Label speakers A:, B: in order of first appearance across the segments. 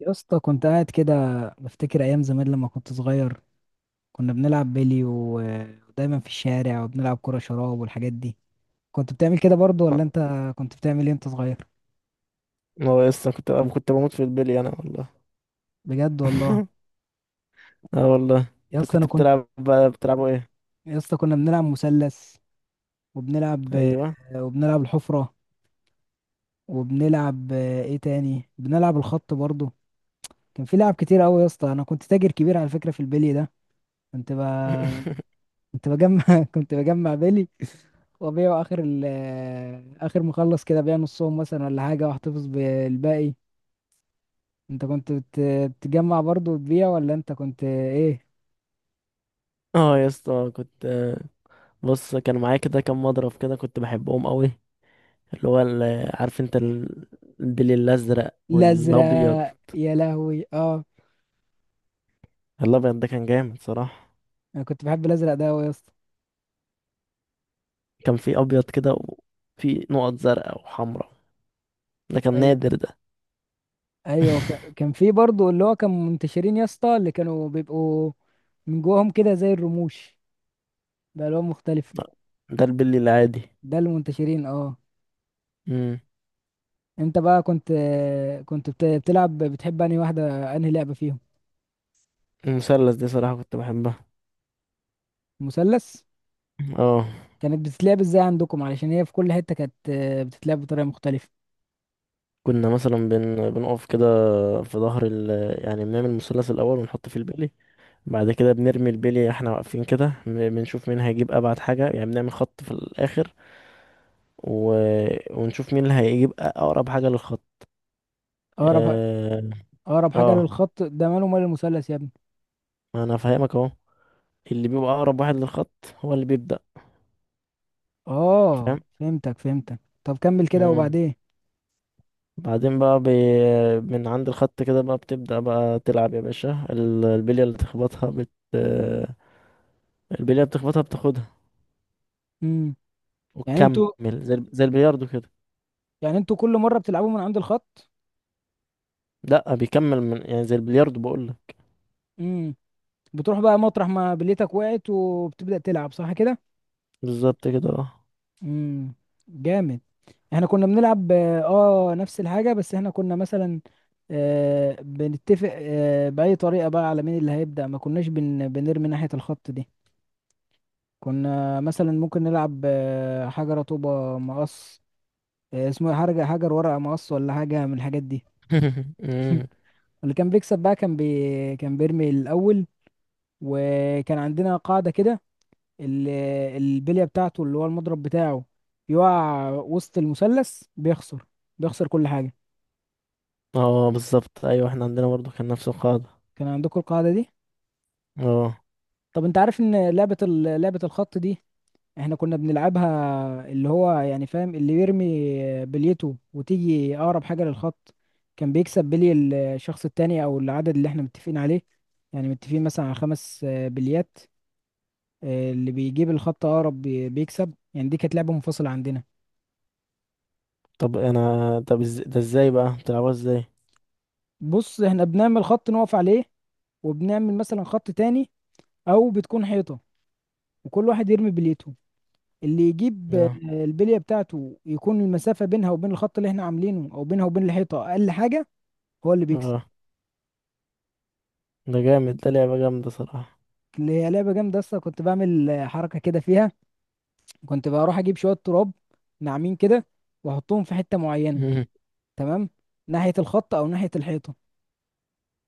A: يا اسطى، كنت قاعد كده بفتكر ايام زمان لما كنت صغير. كنا بنلعب بيلي ودايما في الشارع وبنلعب كرة شراب والحاجات دي. كنت بتعمل كده برضو ولا انت؟ كنت بتعمل ايه انت صغير؟
B: ما هو لسه كنت بموت في البلي انا والله.
A: بجد والله.
B: اه والله،
A: يا
B: انت
A: اسطى انا
B: كنت
A: كنت،
B: بتلعب بقى، بتلعبوا ايه؟
A: يا اسطى كنا بنلعب مثلث، وبنلعب
B: ايوه.
A: وبنلعب الحفرة، وبنلعب ايه تاني، بنلعب الخط برضو. كان في لعب كتير قوي يا اسطى. انا كنت تاجر كبير على فكرة في البيلي ده. كنت ب... كنت بجمع كنت بجمع بيلي وأبيعه آخر ال آه، آخر، مخلص كده أبيع نصهم مثلا ولا حاجة وأحتفظ بالباقي. أنت كنت بت- بتجمع برضه وتبيع ولا أنت كنت إيه؟
B: اه يا اسطى كنت. بص كان معايا كده كام مضرب كده، كنت بحبهم قوي. عارف انت البلي الازرق والابيض.
A: الأزرق، يا لهوي أه.
B: الابيض ده كان جامد صراحه.
A: أنا كنت بحب الأزرق ده أوي يا اسطى.
B: كان في ابيض كده وفي نقط زرقاء وحمراء، ده كان
A: أيوه،
B: نادر ده.
A: أيوه، كان في برضه اللي هو كان منتشرين يا اسطى اللي كانوا بيبقوا من جواهم كده زي الرموش بألوان مختلفة.
B: لا، ده البلي العادي.
A: ده اللي منتشرين أه.
B: امم
A: أنت بقى بتلعب، بتحب أنهي واحدة، أنهي لعبة فيهم؟
B: المثلث دي صراحه كنت بحبها.
A: مثلث؟
B: اه.
A: كانت بتتلعب ازاي عندكم، علشان هي في كل حتة كانت بتتلعب بطريقة مختلفة.
B: بنقف كده في ظهر ال... يعني بنعمل مثلث الاول ونحط فيه البلي. بعد كده بنرمي البلي احنا واقفين كده، بنشوف مين هيجيب ابعد حاجه، يعني بنعمل خط في الاخر و... ونشوف مين اللي هيجيب اقرب حاجه للخط.
A: اقرب،
B: اه.
A: اقرب حاجة
B: اه
A: للخط، ده ماله مال المثلث يا ابني؟
B: انا فاهمك اهو، اللي بيبقى اقرب واحد للخط هو اللي بيبدا.
A: اه
B: فاهم.
A: فهمتك فهمتك، طب كمل كده
B: مم.
A: وبعدين.
B: بعدين بقى من عند الخط كده بقى بتبدا بقى تلعب يا باشا. البليه اللي بتخبطها بتاخدها
A: امم. يعني انتوا
B: وتكمل، زي البلياردو كده.
A: يعني انتوا كل مرة بتلعبوا من عند الخط؟
B: لا بيكمل من، يعني زي البلياردو بقول لك.
A: امم. بتروح بقى مطرح ما بليتك وقعت وبتبدأ تلعب، صح كده؟
B: بالظبط كده اه.
A: امم. جامد. احنا كنا بنلعب اه، نفس الحاجة بس احنا كنا مثلا بنتفق بأي طريقة بقى على مين اللي هيبدأ. ما كناش بنرمي ناحية الخط دي. كنا مثلا ممكن نلعب حجر طوبة مقص، اسمه إيه؟ حاجة حجر ورقة مقص ولا حاجة من الحاجات دي.
B: مم.
A: اللي كان بيكسب بقى كان بيرمي الأول. وكان عندنا قاعدة كده، ال- البلية بتاعته، اللي هو المضرب بتاعه، يقع وسط المثلث بيخسر، بيخسر كل حاجة.
B: اه بالظبط ايوه، احنا عندنا برضو كان نفس القاعدة.
A: كان عندكم القاعدة دي؟
B: اه.
A: طب انت عارف ان لعبة الخط دي احنا كنا بنلعبها، اللي هو يعني فاهم، اللي يرمي بليته وتيجي اقرب حاجة للخط كان بيكسب بلي، الشخص التاني، او العدد اللي احنا متفقين عليه. يعني متفقين مثلا على خمس بليات. اللي بيجيب الخط اقرب بيكسب. يعني دي كانت لعبة منفصلة عندنا.
B: طب انا، ده ازاي بقى بتلعبوها ازاي؟
A: بص احنا بنعمل خط نقف عليه وبنعمل مثلا خط تاني، او بتكون حيطة، وكل واحد يرمي بليته. اللي يجيب
B: اه.
A: البلية بتاعته يكون المسافة بينها وبين الخط اللي احنا عاملينه او بينها وبين الحيطة اقل حاجة، هو اللي بيكسب.
B: اه ده جامد، ده لعبة جامدة صراحة.
A: اللي هي لعبة جامدة اصلا. كنت بعمل حركة كده فيها. كنت بروح اجيب شوية تراب ناعمين كده واحطهم في حتة معينة،
B: مم.
A: تمام، ناحية الخط او ناحية الحيطة،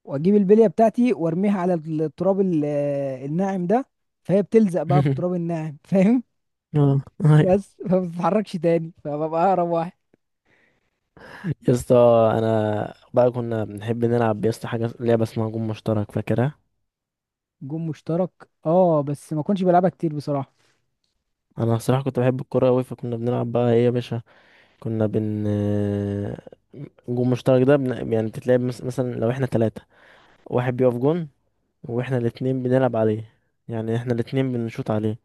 A: واجيب البلية بتاعتي وارميها على التراب الناعم ده، فهي بتلزق بقى في التراب الناعم، فاهم؟
B: اه ايوه.
A: بس فما بتتحركش تاني، فببقى اقرب واحد.
B: يا اسطى انا بقى كنا بنحب نلعب يا اسطى حاجة، لعبة اسمها جون مشترك، فاكرها؟
A: جون مشترك، اه بس ما كنتش بلعبها كتير بصراحة.
B: انا صراحة كنت بحب الكورة اوي، فكنا بنلعب بقى ايه يا باشا، كنا بن الجون المشترك ده يعني بتتلعب، مثلا لو احنا تلاتة، واحد بيقف جون واحنا الاتنين بنلعب عليه، يعني احنا الاتنين بنشوط عليه.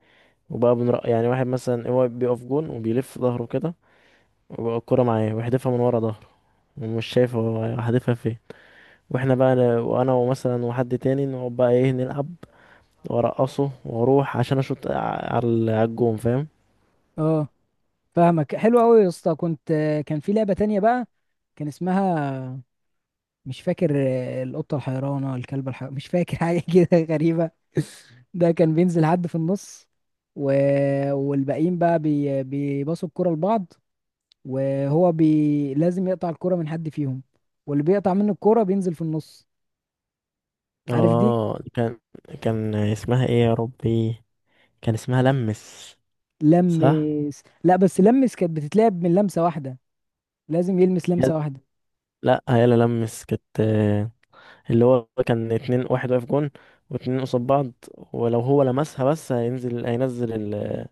B: وبقى بنرق يعني، واحد مثلا هو بيقف جون وبيلف ظهره كده، وبقى الكرة معاه ويحدفها من ورا ظهره، ومش شايف هو هدفها فين. واحنا بقى وانا ومثلا وحد تاني نقعد بقى ايه نلعب، وارقصه واروح عشان اشوط على الجون، فاهم؟
A: اه فاهمك، حلو قوي يا اسطى. كنت آه، كان في لعبة تانية بقى، كان اسمها، مش فاكر، القطة الحيرانة، الكلب الحيرانة، مش فاكر حاجة كده غريبة. ده كان بينزل حد في النص و... والباقيين بقى بيباصوا الكرة لبعض، وهو لازم يقطع الكرة من حد فيهم، واللي بيقطع منه الكرة بينزل في النص. عارف دي؟
B: اه كان. كان اسمها ايه يا ربي؟ كان اسمها لمس. صح.
A: لمس؟ لا، بس لمس كانت بتتلعب من لمسة واحدة، لازم يلمس لمسة واحدة.
B: لا هيلا لمس كانت آه، اللي هو كان اتنين، واحد واقف جون واتنين قصاد بعض، ولو هو لمسها بس هينزل.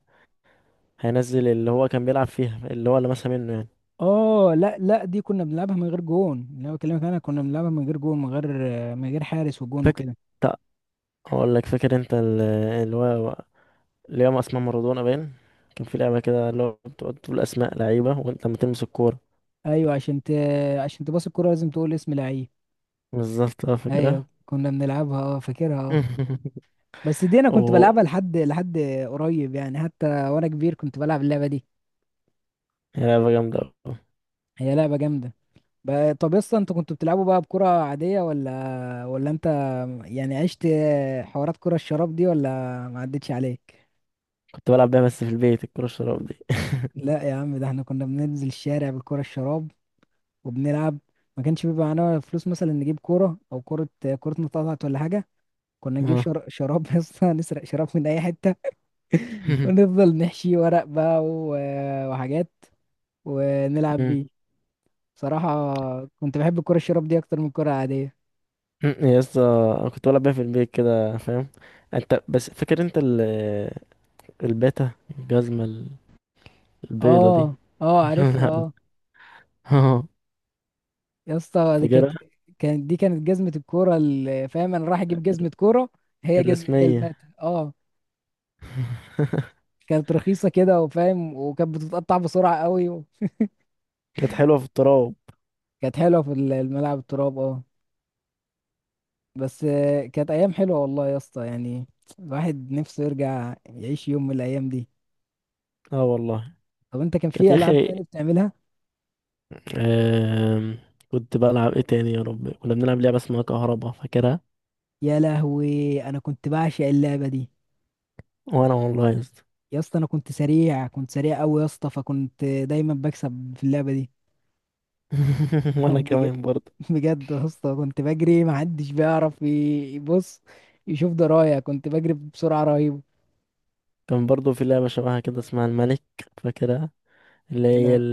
B: هينزل اللي هو كان بيلعب فيها، اللي هو لمسها منه يعني.
A: اه لا لا، دي كنا بنلعبها من غير جون. اللي انا بكلمك انا كنا بنلعبها من غير جون، من غير، من غير حارس وجون
B: فاكر؟
A: وكده.
B: اقول لك. فاكر انت اللي هو اللي هو اسمها مارادونا باين؟ كان في لعبة كده اللي هو بتقعد تقول اسماء لعيبة، وانت لما تلمس الكورة.
A: ايوه عشان تباص الكرة لازم تقول اسم لعيب.
B: بالظبط اه،
A: ايوه
B: فاكرها.
A: كنا بنلعبها اه، فاكرها اه. بس دي انا كنت
B: و،
A: بلعبها لحد لحد قريب يعني، حتى وانا كبير كنت بلعب اللعبة دي.
B: هي لعبة جامدة أوي.
A: هي لعبة جامدة. بقى طب يسطا، انتوا كنتوا بتلعبوا بقى بكرة عادية ولا انت، يعني عشت حوارات كرة الشراب دي ولا ما عدتش عليك؟
B: كنت بلعب بيها بس في البيت، الكورة الشراب دي.
A: لا يا عم، ده احنا كنا بننزل الشارع بالكرة الشراب وبنلعب. ما كانش بيبقى معانا فلوس مثلا نجيب كورة او كرة، كرة متقطعة ولا حاجة. كنا نجيب
B: اه.
A: شراب يا اسطى، نسرق شراب من اي حته، ونفضل نحشي ورق بقى وحاجات ونلعب بيه. صراحه كنت بحب الكره الشراب دي اكتر من الكره العاديه.
B: يا اسطى انا كنت بلعب بيها في البيت كده فاهم. انت بس فاكر انت ال، الباتا، الجزمة ال- البيضة دي؟
A: اه، اه عارف
B: لعب-
A: اه.
B: اه.
A: يا اسطى دي كانت،
B: فاكرها.
A: كانت دي كانت جزمه الكوره، اللي فاهم انا رايح اجيب
B: الر-
A: جزمه كوره. هي
B: الرسمية.
A: المات، اه. كانت رخيصه كده وفاهم، وكانت بتتقطع بسرعه قوي.
B: كانت حلوة في التراب.
A: كانت حلوه في الملعب التراب، اه. بس كانت ايام حلوه والله يا اسطى، يعني الواحد نفسه يرجع يعيش يوم من الايام دي.
B: اه والله.
A: طب انت كان
B: كانت
A: في
B: يا
A: العاب تانية
B: اخي
A: بتعملها؟
B: آم، كنت بلعب ايه تاني يا رب؟ كنا بنلعب لعبة اسمها كهربا، فاكرها؟
A: يا لهوي انا كنت بعشق اللعبه دي.
B: وانا والله يا اسطى.
A: يا اسطى انا كنت سريع، كنت سريع قوي يا اسطى، فكنت دايما بكسب في اللعبه دي.
B: وانا
A: بج-
B: كمان برضه.
A: بجد يا اسطى كنت بجري، ما حدش بيعرف يبص يشوف درايه، كنت بجري بسرعه رهيبه.
B: كان برضه في لعبة شبهها كده اسمها الملك، فاكرها؟ اللي هي،
A: لا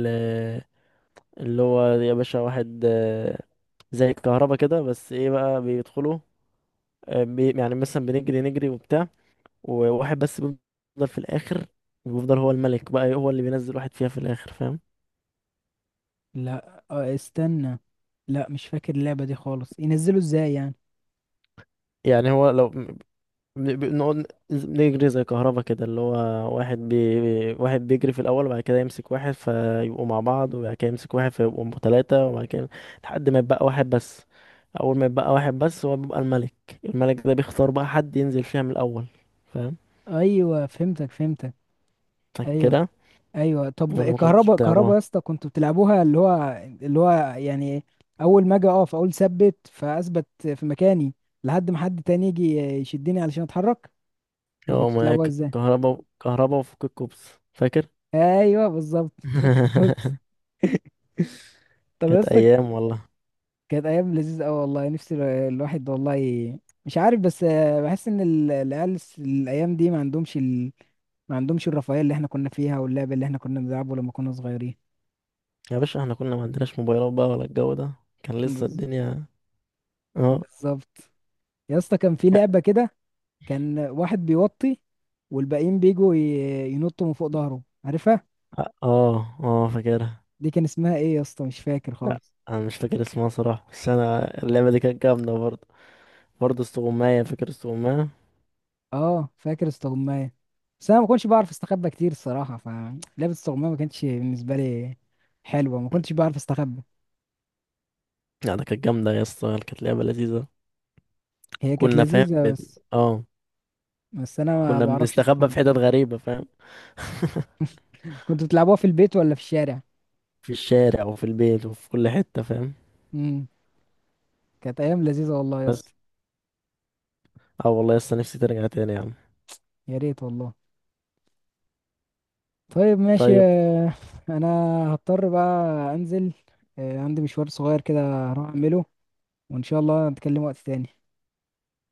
B: اللي هو يا باشا واحد آه، زي الكهربا كده بس ايه بقى، بيدخلوا آه، يعني مثلا بنجري نجري وبتاع، وواحد بس بيفضل في الاخر، بيفضل هو الملك بقى، هو اللي بينزل واحد فيها في الاخر، فاهم؟
A: لا استنى، لا مش فاكر اللعبه دي خالص. ينزلوا ازاي يعني؟
B: يعني هو لو، بنقعد نجري زي كهربا كده، اللي هو واحد بي... واحد بيجري في الأول وبعد كده يمسك واحد فيبقوا مع بعض، وبعد كده يمسك واحد فيبقوا ثلاثة، وبعد كده لحد ما يبقى واحد بس. أول ما يبقى واحد بس هو بيبقى الملك. الملك ده بيختار بقى حد ينزل فيها من الأول، فاهم؟
A: ايوه فهمتك فهمتك. ايوه.
B: فاكرها؟
A: ايوه طب
B: ولا ما كنتش
A: الكهرباء، الكهرباء
B: بتلعبوها؟
A: يا اسطى كنتوا بتلعبوها اللي هو يعني اول ما اجي اقف اقول ثبت فاثبت في مكاني لحد ما حد تاني يجي يشدني علشان اتحرك، ولا
B: هو
A: كنتوا
B: ما
A: بتلعبوها
B: ك-
A: ازاي؟
B: كهربا، كهربا وفك الكوبس، فاكر؟
A: ايوه بالظبط فك الكوبس. طب يا
B: كانت
A: اسطى
B: أيام والله.
A: كانت ايام لذيذه قوي والله، نفسي الواحد والله مش عارف، بس بحس ان العيال الايام دي ما عندهمش الرفاهيه اللي احنا كنا فيها واللعب اللي احنا كنا بنلعبه لما كنا صغيرين.
B: يا باشا احنا كنا ما عندناش موبايلات بقى ولا الجو ده، كان لسه
A: بز-
B: الدنيا. اه.
A: بالظبط. يا اسطى كان في لعبة كده، كان واحد بيوطي والباقيين بيجوا ينطوا من فوق ظهره، عارفها؟
B: اه. اه فاكرها.
A: دي كان اسمها ايه يا اسطى، مش فاكر
B: لا
A: خالص.
B: انا مش فاكر اسمها صراحة، بس انا اللعبة دي كانت جامدة برضه. برضه استغماية، فاكر استغماية؟
A: اه فاكر استغماية، بس انا ما كنتش بعرف استخبى كتير الصراحة، فلعبة استغماية ما كانتش بالنسبة لي حلوة، ما كنتش بعرف استخبى.
B: لا ده كانت جامدة يا اسطى، كانت لعبة لذيذة.
A: هي كانت
B: كنا فاهم
A: لذيذة بس،
B: اه،
A: بس انا ما
B: كنا
A: بعرفش
B: بنستخبى في
A: استخبى.
B: حتت غريبة فاهم.
A: كنتوا بتلعبوها في البيت ولا في الشارع؟
B: في الشارع وفي البيت وفي كل حتة فاهم.
A: امم. كانت ايام لذيذة والله يا
B: بس.
A: اسطى.
B: اه والله لسه نفسي ترجع تاني يا عم.
A: يا ريت والله. طيب ماشي،
B: طيب.
A: انا هضطر بقى انزل، عندي مشوار صغير كده هروح اعمله، وان شاء الله نتكلم وقت تاني.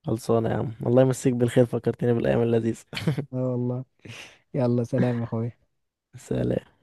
B: خلصانة يا عم، الله يمسيك بالخير، فكرتني بالأيام اللذيذة.
A: اه والله. يلا سلام يا اخويا.
B: سلام.